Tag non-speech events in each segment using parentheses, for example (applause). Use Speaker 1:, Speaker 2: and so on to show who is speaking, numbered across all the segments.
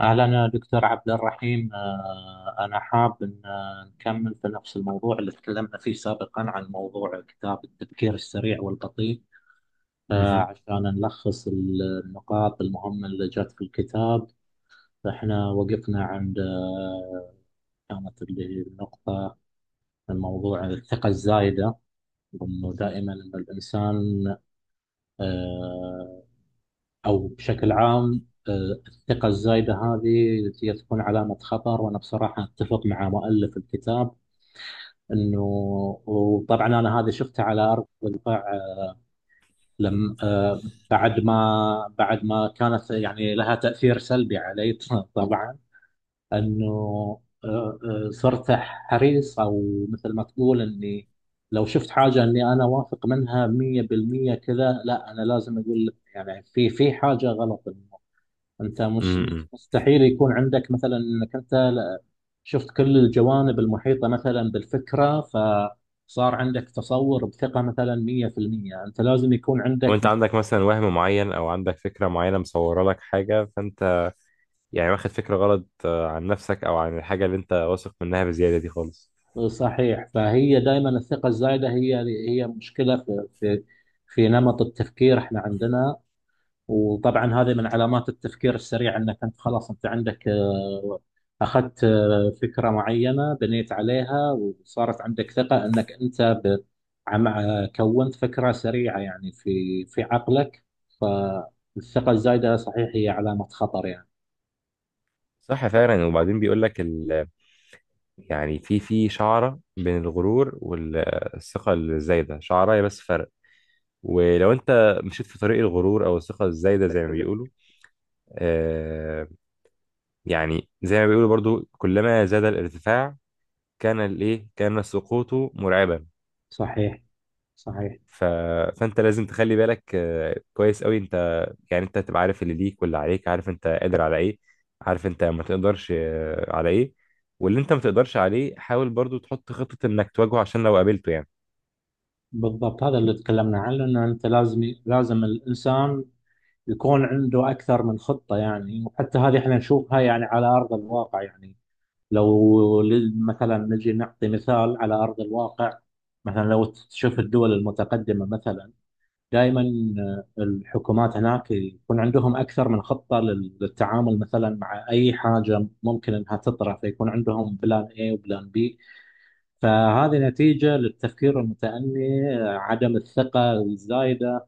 Speaker 1: أهلا دكتور عبد الرحيم، أنا حاب أن نكمل في نفس الموضوع اللي تكلمنا فيه سابقا عن موضوع كتاب التفكير السريع والبطيء،
Speaker 2: مهم.
Speaker 1: عشان نلخص النقاط المهمة اللي جت في الكتاب. فإحنا وقفنا عند كانت اللي هي النقطة، الموضوع الثقة الزايدة، وإنه دائما إن الإنسان آه، أو بشكل عام، الثقة الزايدة هذه هي تكون علامة خطر، وأنا بصراحة أتفق مع مؤلف الكتاب إنه، وطبعا أنا هذا شفته على أرض الواقع، لم بعد ما كانت يعني لها تأثير سلبي علي (laughs) طبعا، إنه آه، صرت حريص، أو مثل ما تقول إني لو شفت حاجة إني أنا واثق منها 100% كذا، لا، أنا لازم أقول يعني في حاجة غلط. انت مش
Speaker 2: مم.
Speaker 1: مستحيل يكون عندك مثلا انك انت شفت كل الجوانب المحيطه مثلا بالفكره، فصار عندك تصور بثقه مثلا 100%، انت لازم يكون
Speaker 2: او
Speaker 1: عندك.
Speaker 2: انت عندك مثلا وهم معين او عندك فكره معينه مصوره لك حاجه فانت يعني واخد فكره غلط عن نفسك او عن الحاجه اللي انت واثق منها بزياده دي خالص.
Speaker 1: صحيح، فهي دائما الثقه الزايده هي هي مشكله في في نمط التفكير احنا عندنا، وطبعا هذه من علامات التفكير السريع، انك انت خلاص انت عندك، اخذت فكره معينه بنيت عليها، وصارت عندك ثقه انك انت كونت فكره سريعه يعني في في عقلك. فالثقه الزايده صحيح هي علامه خطر يعني.
Speaker 2: صح فعلا. وبعدين بيقول لك يعني في شعره بين الغرور والثقه الزايده، شعره هي بس فرق. ولو انت مشيت في طريق الغرور او الثقه الزايده زي ما بيقولوا آه يعني زي ما بيقولوا برضو كلما زاد الارتفاع كان الايه كان سقوطه مرعبا.
Speaker 1: صحيح، صحيح.
Speaker 2: ف... فانت لازم تخلي بالك كويس قوي. انت يعني انت تبقى عارف اللي ليك واللي عليك، عارف انت قادر على ايه، عارف انت ما تقدرش على ايه. واللي انت ما تقدرش عليه حاول برضو تحط خطة انك تواجهه عشان لو قابلته يعني.
Speaker 1: بالضبط، هذا اللي تكلمنا عنه، انه انت لازم، لازم الانسان يكون عنده اكثر من خطه يعني، وحتى هذه احنا نشوفها يعني على ارض الواقع يعني. لو مثلا نجي نعطي مثال على أرض الواقع، مثلا لو تشوف الدول المتقدمة مثلا دائما الحكومات هناك يكون عندهم أكثر من خطة للتعامل مثلا مع أي حاجة ممكن أنها تطرح، فيكون عندهم بلان A وبلان B. فهذه نتيجة للتفكير المتأني، عدم الثقة الزايدة،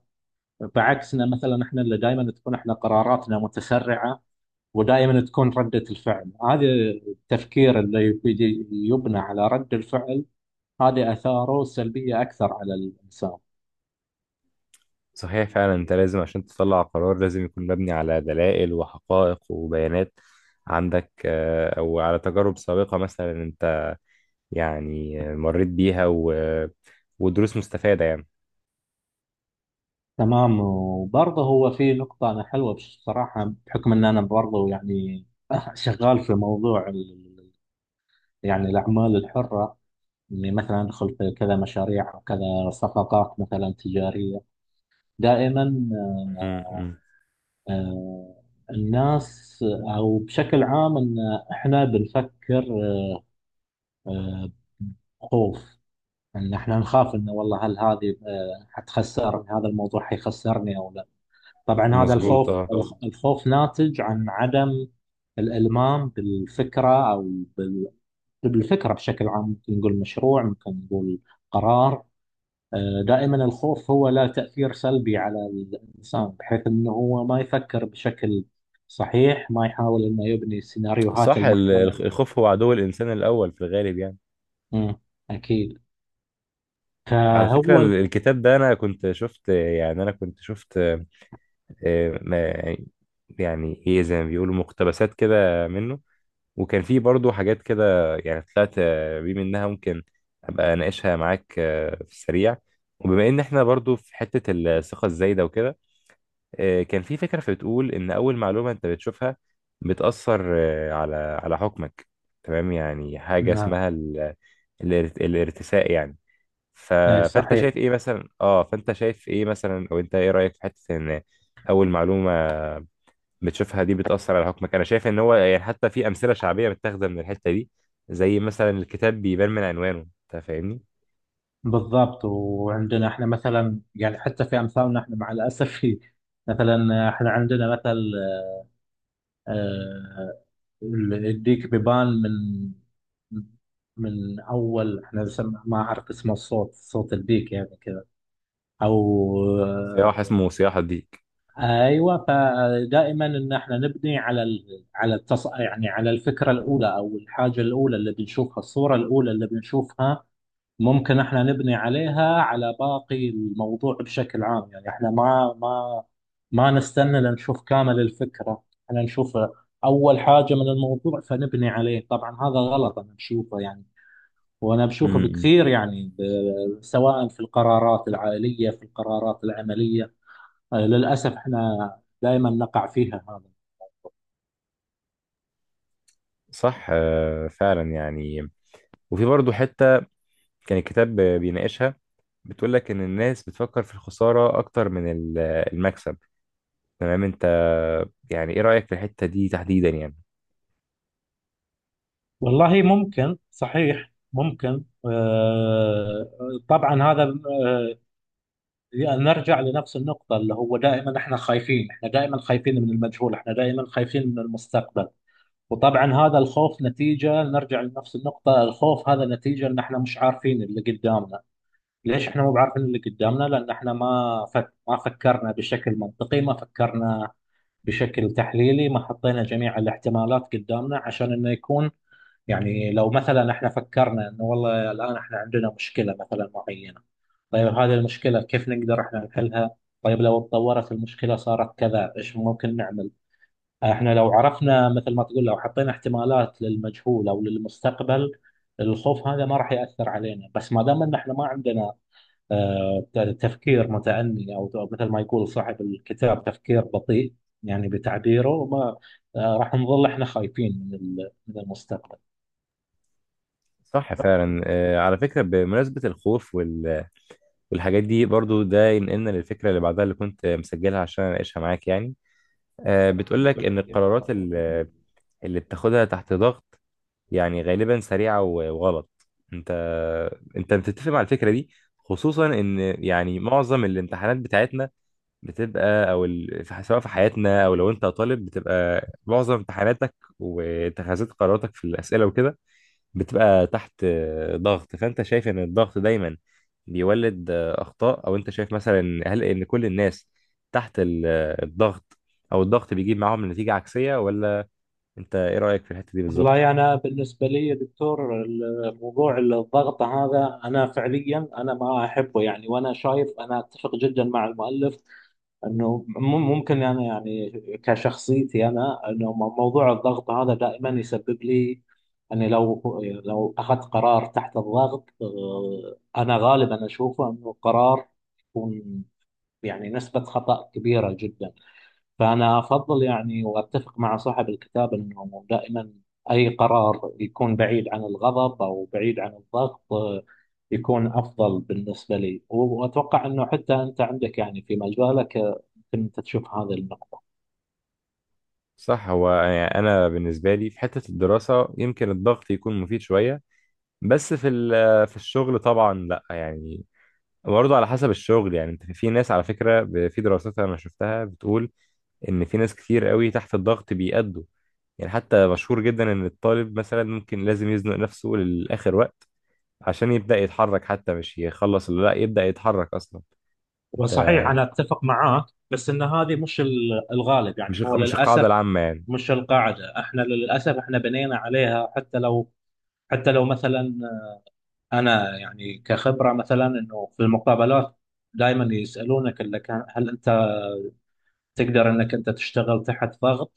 Speaker 1: بعكسنا مثلا احنا اللي دائما تكون احنا قراراتنا متسرعة، ودائما تكون ردة الفعل، هذا التفكير اللي يبنى على رد الفعل، هذا آثاره سلبية أكثر على الإنسان.
Speaker 2: صحيح فعلا. انت لازم عشان تطلع قرار لازم يكون مبني على دلائل وحقائق وبيانات عندك، او على تجارب سابقة مثلا، انت يعني مريت بيها ودروس مستفادة يعني.
Speaker 1: تمام، وبرضه هو في نقطة أنا حلوة بصراحة، بحكم أن أنا برضه يعني (laughs) شغال في موضوع يعني الأعمال الحرة، إني مثلا أدخل في كذا مشاريع أو كذا صفقات مثلا تجارية، دائما
Speaker 2: م- م.
Speaker 1: آه، الناس أو بشكل عام أن إحنا بنفكر آه، خوف، ان احنا نخاف انه والله هل هذه حتخسرني، هذا الموضوع حيخسرني او لا. طبعا هذا
Speaker 2: مظبوط.
Speaker 1: الخوف بالضبط، الخوف ناتج عن عدم الالمام بالفكره، بال- بالفكره بشكل عام، ممكن نقول مشروع، ممكن نقول قرار. دائما الخوف هو له تاثير سلبي على الانسان، بحيث انه هو ما يفكر بشكل صحيح، ما يحاول انه يبني السيناريوهات
Speaker 2: صح
Speaker 1: المحتمله.
Speaker 2: الخوف هو عدو الإنسان الأول في الغالب يعني.
Speaker 1: مم. اكيد،
Speaker 2: على فكرة
Speaker 1: فهو.
Speaker 2: الكتاب ده، أنا كنت شفت آه، ما- يعني إيه، زي ما بيقولوا مقتبسات كده منه، وكان فيه برضو حاجات كده يعني طلعت بيه منها ممكن أبقى أناقشها معاك في السريع. وبما إن إحنا برضو في حتة الثقة الزايدة وكده، كان في فكرة بتقول إن أول معلومة أنت بتشوفها بتأثر على حكمك. تمام يعني حاجة
Speaker 1: نعم.
Speaker 2: اسمها الارتساء يعني. ف...
Speaker 1: اي صحيح.
Speaker 2: فأنت شايف إيه مثلا، أو أنت إيه رأيك في حتة إن أول معلومة بتشوفها دي بتأثر على حكمك؟ أنا شايف إن هو يعني حتى في أمثلة شعبية متاخدة من الحتة دي، زي مثلا الكتاب بيبان من عنوانه. أنت فاهمني؟
Speaker 1: بالضبط، وعندنا احنا مثلا يعني حتى في امثالنا، احنا مع الاسف (laughs) في، مثلا احنا عندنا مثل آه، الديك بيبان من من اول، احنا ما اعرف اسمه الصوت، صوت الديك يعني كذا، او آه،
Speaker 2: سياح، اسمه سياح الديك.
Speaker 1: ايوه. فدائما ان احنا نبني على يعني على الفكره الاولى او الحاجه الاولى اللي بنشوفها، الصوره الاولى اللي بنشوفها ممكن احنا نبني عليها على باقي الموضوع بشكل عام. يعني احنا ما ما نستنى لنشوف كامل الفكرة، احنا نشوف اول حاجة من الموضوع فنبني عليه. طبعا هذا غلط، انا بشوفه يعني، وانا
Speaker 2: م-
Speaker 1: بشوفه
Speaker 2: م.
Speaker 1: بكثير يعني، سواء في القرارات العائلية، في القرارات العملية. للأسف احنا دائما نقع فيها هذا.
Speaker 2: صح فعلا يعني. وفي برضه حتة كان الكتاب بيناقشها، بتقول لك ان الناس بتفكر في الخساره اكتر من المكسب. تمام. انت يعني ايه رايك في الحته دي تحديدا يعني؟
Speaker 1: والله ممكن، صحيح، ممكن طبعا هذا يعني، نرجع لنفس النقطة، اللي هو دائما احنا خايفين، احنا دائما خايفين من المجهول، احنا دائما خايفين من المستقبل. وطبعا هذا الخوف نتيجة، نرجع لنفس النقطة، الخوف هذا نتيجة ان احنا مش عارفين اللي قدامنا. ليش احنا مو بعارفين اللي قدامنا؟ لان احنا ما فكرنا بشكل منطقي، ما فكرنا بشكل تحليلي، ما حطينا جميع الاحتمالات قدامنا عشان انه يكون، يعني لو مثلا احنا فكرنا انه والله الان احنا عندنا مشكله مثلا معينه، طيب هذه المشكله كيف نقدر احنا نحلها؟ طيب لو اتطورت المشكله صارت كذا، ايش ممكن نعمل؟ احنا لو عرفنا مثل ما تقول، لو حطينا احتمالات للمجهول او للمستقبل، الخوف هذا ما راح ياثر علينا. بس ما دام ان احنا ما عندنا تفكير متأني، او أو مثل ما يقول صاحب الكتاب تفكير بطيء، يعني بتعبيره ما، راح نظل احنا خايفين من المستقبل.
Speaker 2: صح فعلا. على فكره بمناسبه الخوف والحاجات دي برضو ده ينقلنا للفكره اللي بعدها اللي كنت مسجلها عشان اناقشها معاك يعني. بتقول لك
Speaker 1: بتقول
Speaker 2: ان
Speaker 1: لك كده.
Speaker 2: القرارات اللي بتاخدها تحت ضغط يعني غالبا سريعه وغلط. انت انت بتتفق مع الفكره دي؟ خصوصا ان يعني معظم الامتحانات بتاعتنا بتبقى او سواء في حياتنا او لو انت طالب، بتبقى معظم امتحاناتك واتخاذات قراراتك في الاسئله وكده بتبقى تحت ضغط. فانت شايف ان الضغط دايما بيولد اخطاء، او انت شايف مثلا هل ان كل الناس تحت الضغط او الضغط بيجيب معاهم نتيجه عكسيه ولا؟ انت ايه رايك في الحته دي بالظبط؟
Speaker 1: والله أنا بالنسبة لي يا دكتور، الوقوع للضغط هذا أنا فعليا أنا ما أحبه يعني. وأنا شايف، أنا أتفق جدا مع المؤلف أنه ممكن أنا يعني كشخصيتي أنا، أنه موضوع الضغط هذا دائما يسبب لي، أني لو، لو أخذت قرار تحت الضغط، أنا غالبا أشوفه أنه قرار يكون، يعني نسبة خطأ كبيرة جدا. فأنا أفضل يعني، وأتفق مع صاحب الكتاب أنه دائما أي قرار يكون بعيد عن الغضب أو بعيد عن الضغط، يكون أفضل بالنسبة لي. وأتوقع أنه حتى أنت عندك يعني في مجالك، يمكن أنت تشوف هذه النقطة.
Speaker 2: صح. هو يعني انا بالنسبه لي في حته الدراسه يمكن الضغط يكون مفيد شويه، بس في ال- آه، في الشغل طبعا لا يعني. برضه على حسب الشغل يعني. انت، في ناس على فكرة، في دراسات انا شفتها بتقول ان في ناس كتير قوي تحت الضغط بيأدوا يعني. حتى مشهور جدا ان الطالب مثلا ممكن لازم يزنق نفسه للآخر وقت عشان يبدأ يتحرك، حتى مش يخلص اللي لا، يبدأ يتحرك اصلا. انت
Speaker 1: وصحيح، أنا أتفق معاك، بس أن هذه مش الغالب
Speaker 2: مش
Speaker 1: يعني، هو
Speaker 2: مش القاعدة
Speaker 1: للأسف
Speaker 2: العامة يعني.
Speaker 1: مش القاعدة. احنا للأسف احنا بنينا عليها. حتى لو، حتى لو مثلا، انا يعني كخبره مثلا، انه في المقابلات دائما يسالونك اللي كان، هل انت تقدر انك انت تشتغل تحت ضغط؟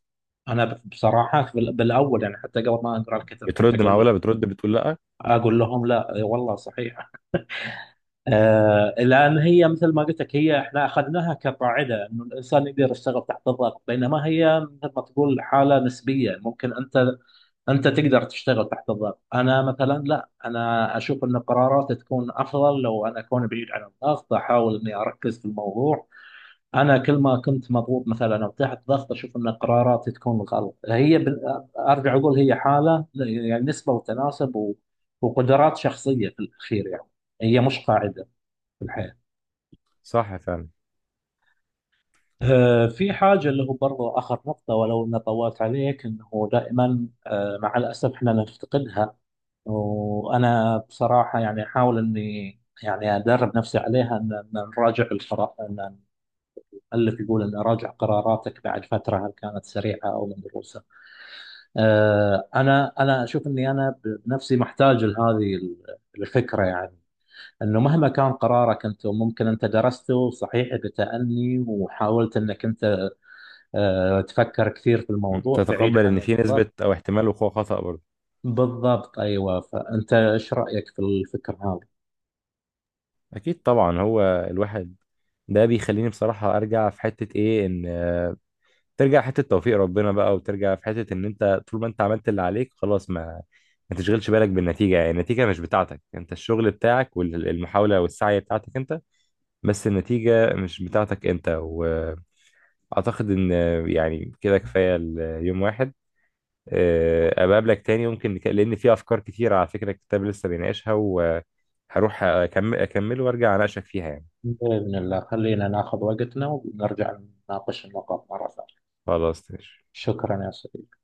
Speaker 1: انا بصراحه في بالاول، يعني حتى قبل ما اقرا الكتاب، كنت اقول لهم،
Speaker 2: بترد بتقول لا؟
Speaker 1: اقول لهم لا والله صحيح، آه. لان هي مثل ما قلت لك، هي احنا اخذناها كقاعده، انه الانسان يقدر يشتغل تحت الضغط، بينما هي مثل ما تقول حاله نسبيه، ممكن انت انت تقدر تشتغل تحت الضغط، انا مثلا لا، انا اشوف ان قراراتي تكون افضل لو انا اكون بعيد عن الضغط، احاول اني اركز في الموضوع. انا كل ما كنت مضغوط مثلا او تحت ضغط، اشوف ان قراراتي تكون غلط. هي ارجع اقول هي حاله يعني، نسبه وتناسب، وقدرات شخصيه في الاخير يعني، هي مش قاعده في الحياه.
Speaker 2: صح فعلا.
Speaker 1: في حاجة اللي هو برضو آخر نقطة، ولو أنا طولت عليك، أنه دائما مع الأسف إحنا نفتقدها. وانا بصراحه يعني احاول اني يعني ادرب نفسي عليها، ان إن نراجع القرار، ان المؤلف يقول ان اراجع قراراتك بعد فتره هل كانت سريعه او مدروسه. انا اشوف اني انا بنفسي محتاج لهذه الفكره يعني، انه مهما كان قرارك انت، وممكن انت درسته صحيح بتأني، وحاولت انك انت تفكر كثير في الموضوع بعيد
Speaker 2: تتقبل
Speaker 1: عن
Speaker 2: ان في نسبة
Speaker 1: الضغط.
Speaker 2: او احتمال وقوع خطأ برضه.
Speaker 1: بالضبط، ايوه. فانت ايش رايك في الفكره؟
Speaker 2: اكيد طبعا. هو الواحد ده بيخليني بصراحة ارجع في حتة ايه، ان ترجع حته توفيق ربنا بقى، وترجع في حته ان انت طول ما انت عملت اللي عليك خلاص ما تشغلش بالك بالنتيجه، يعني النتيجه مش بتاعتك انت، الشغل بتاعك والمحاوله والسعي بتاعتك انت، بس النتيجه مش بتاعتك انت. واعتقد ان يعني كده كفايه اليوم واحد. ابقى اقابلك تاني يمكن، لان في افكار كتيره على فكره الكتاب لسه بيناقشها، وهروح اكمل وارجع اناقشك فيها يعني.
Speaker 1: بإذن الله، خلينا ناخذ وقتنا ونرجع نناقش النقاط مرة ثانية.
Speaker 2: خلاص ماشي.
Speaker 1: شكرا يا صديقي.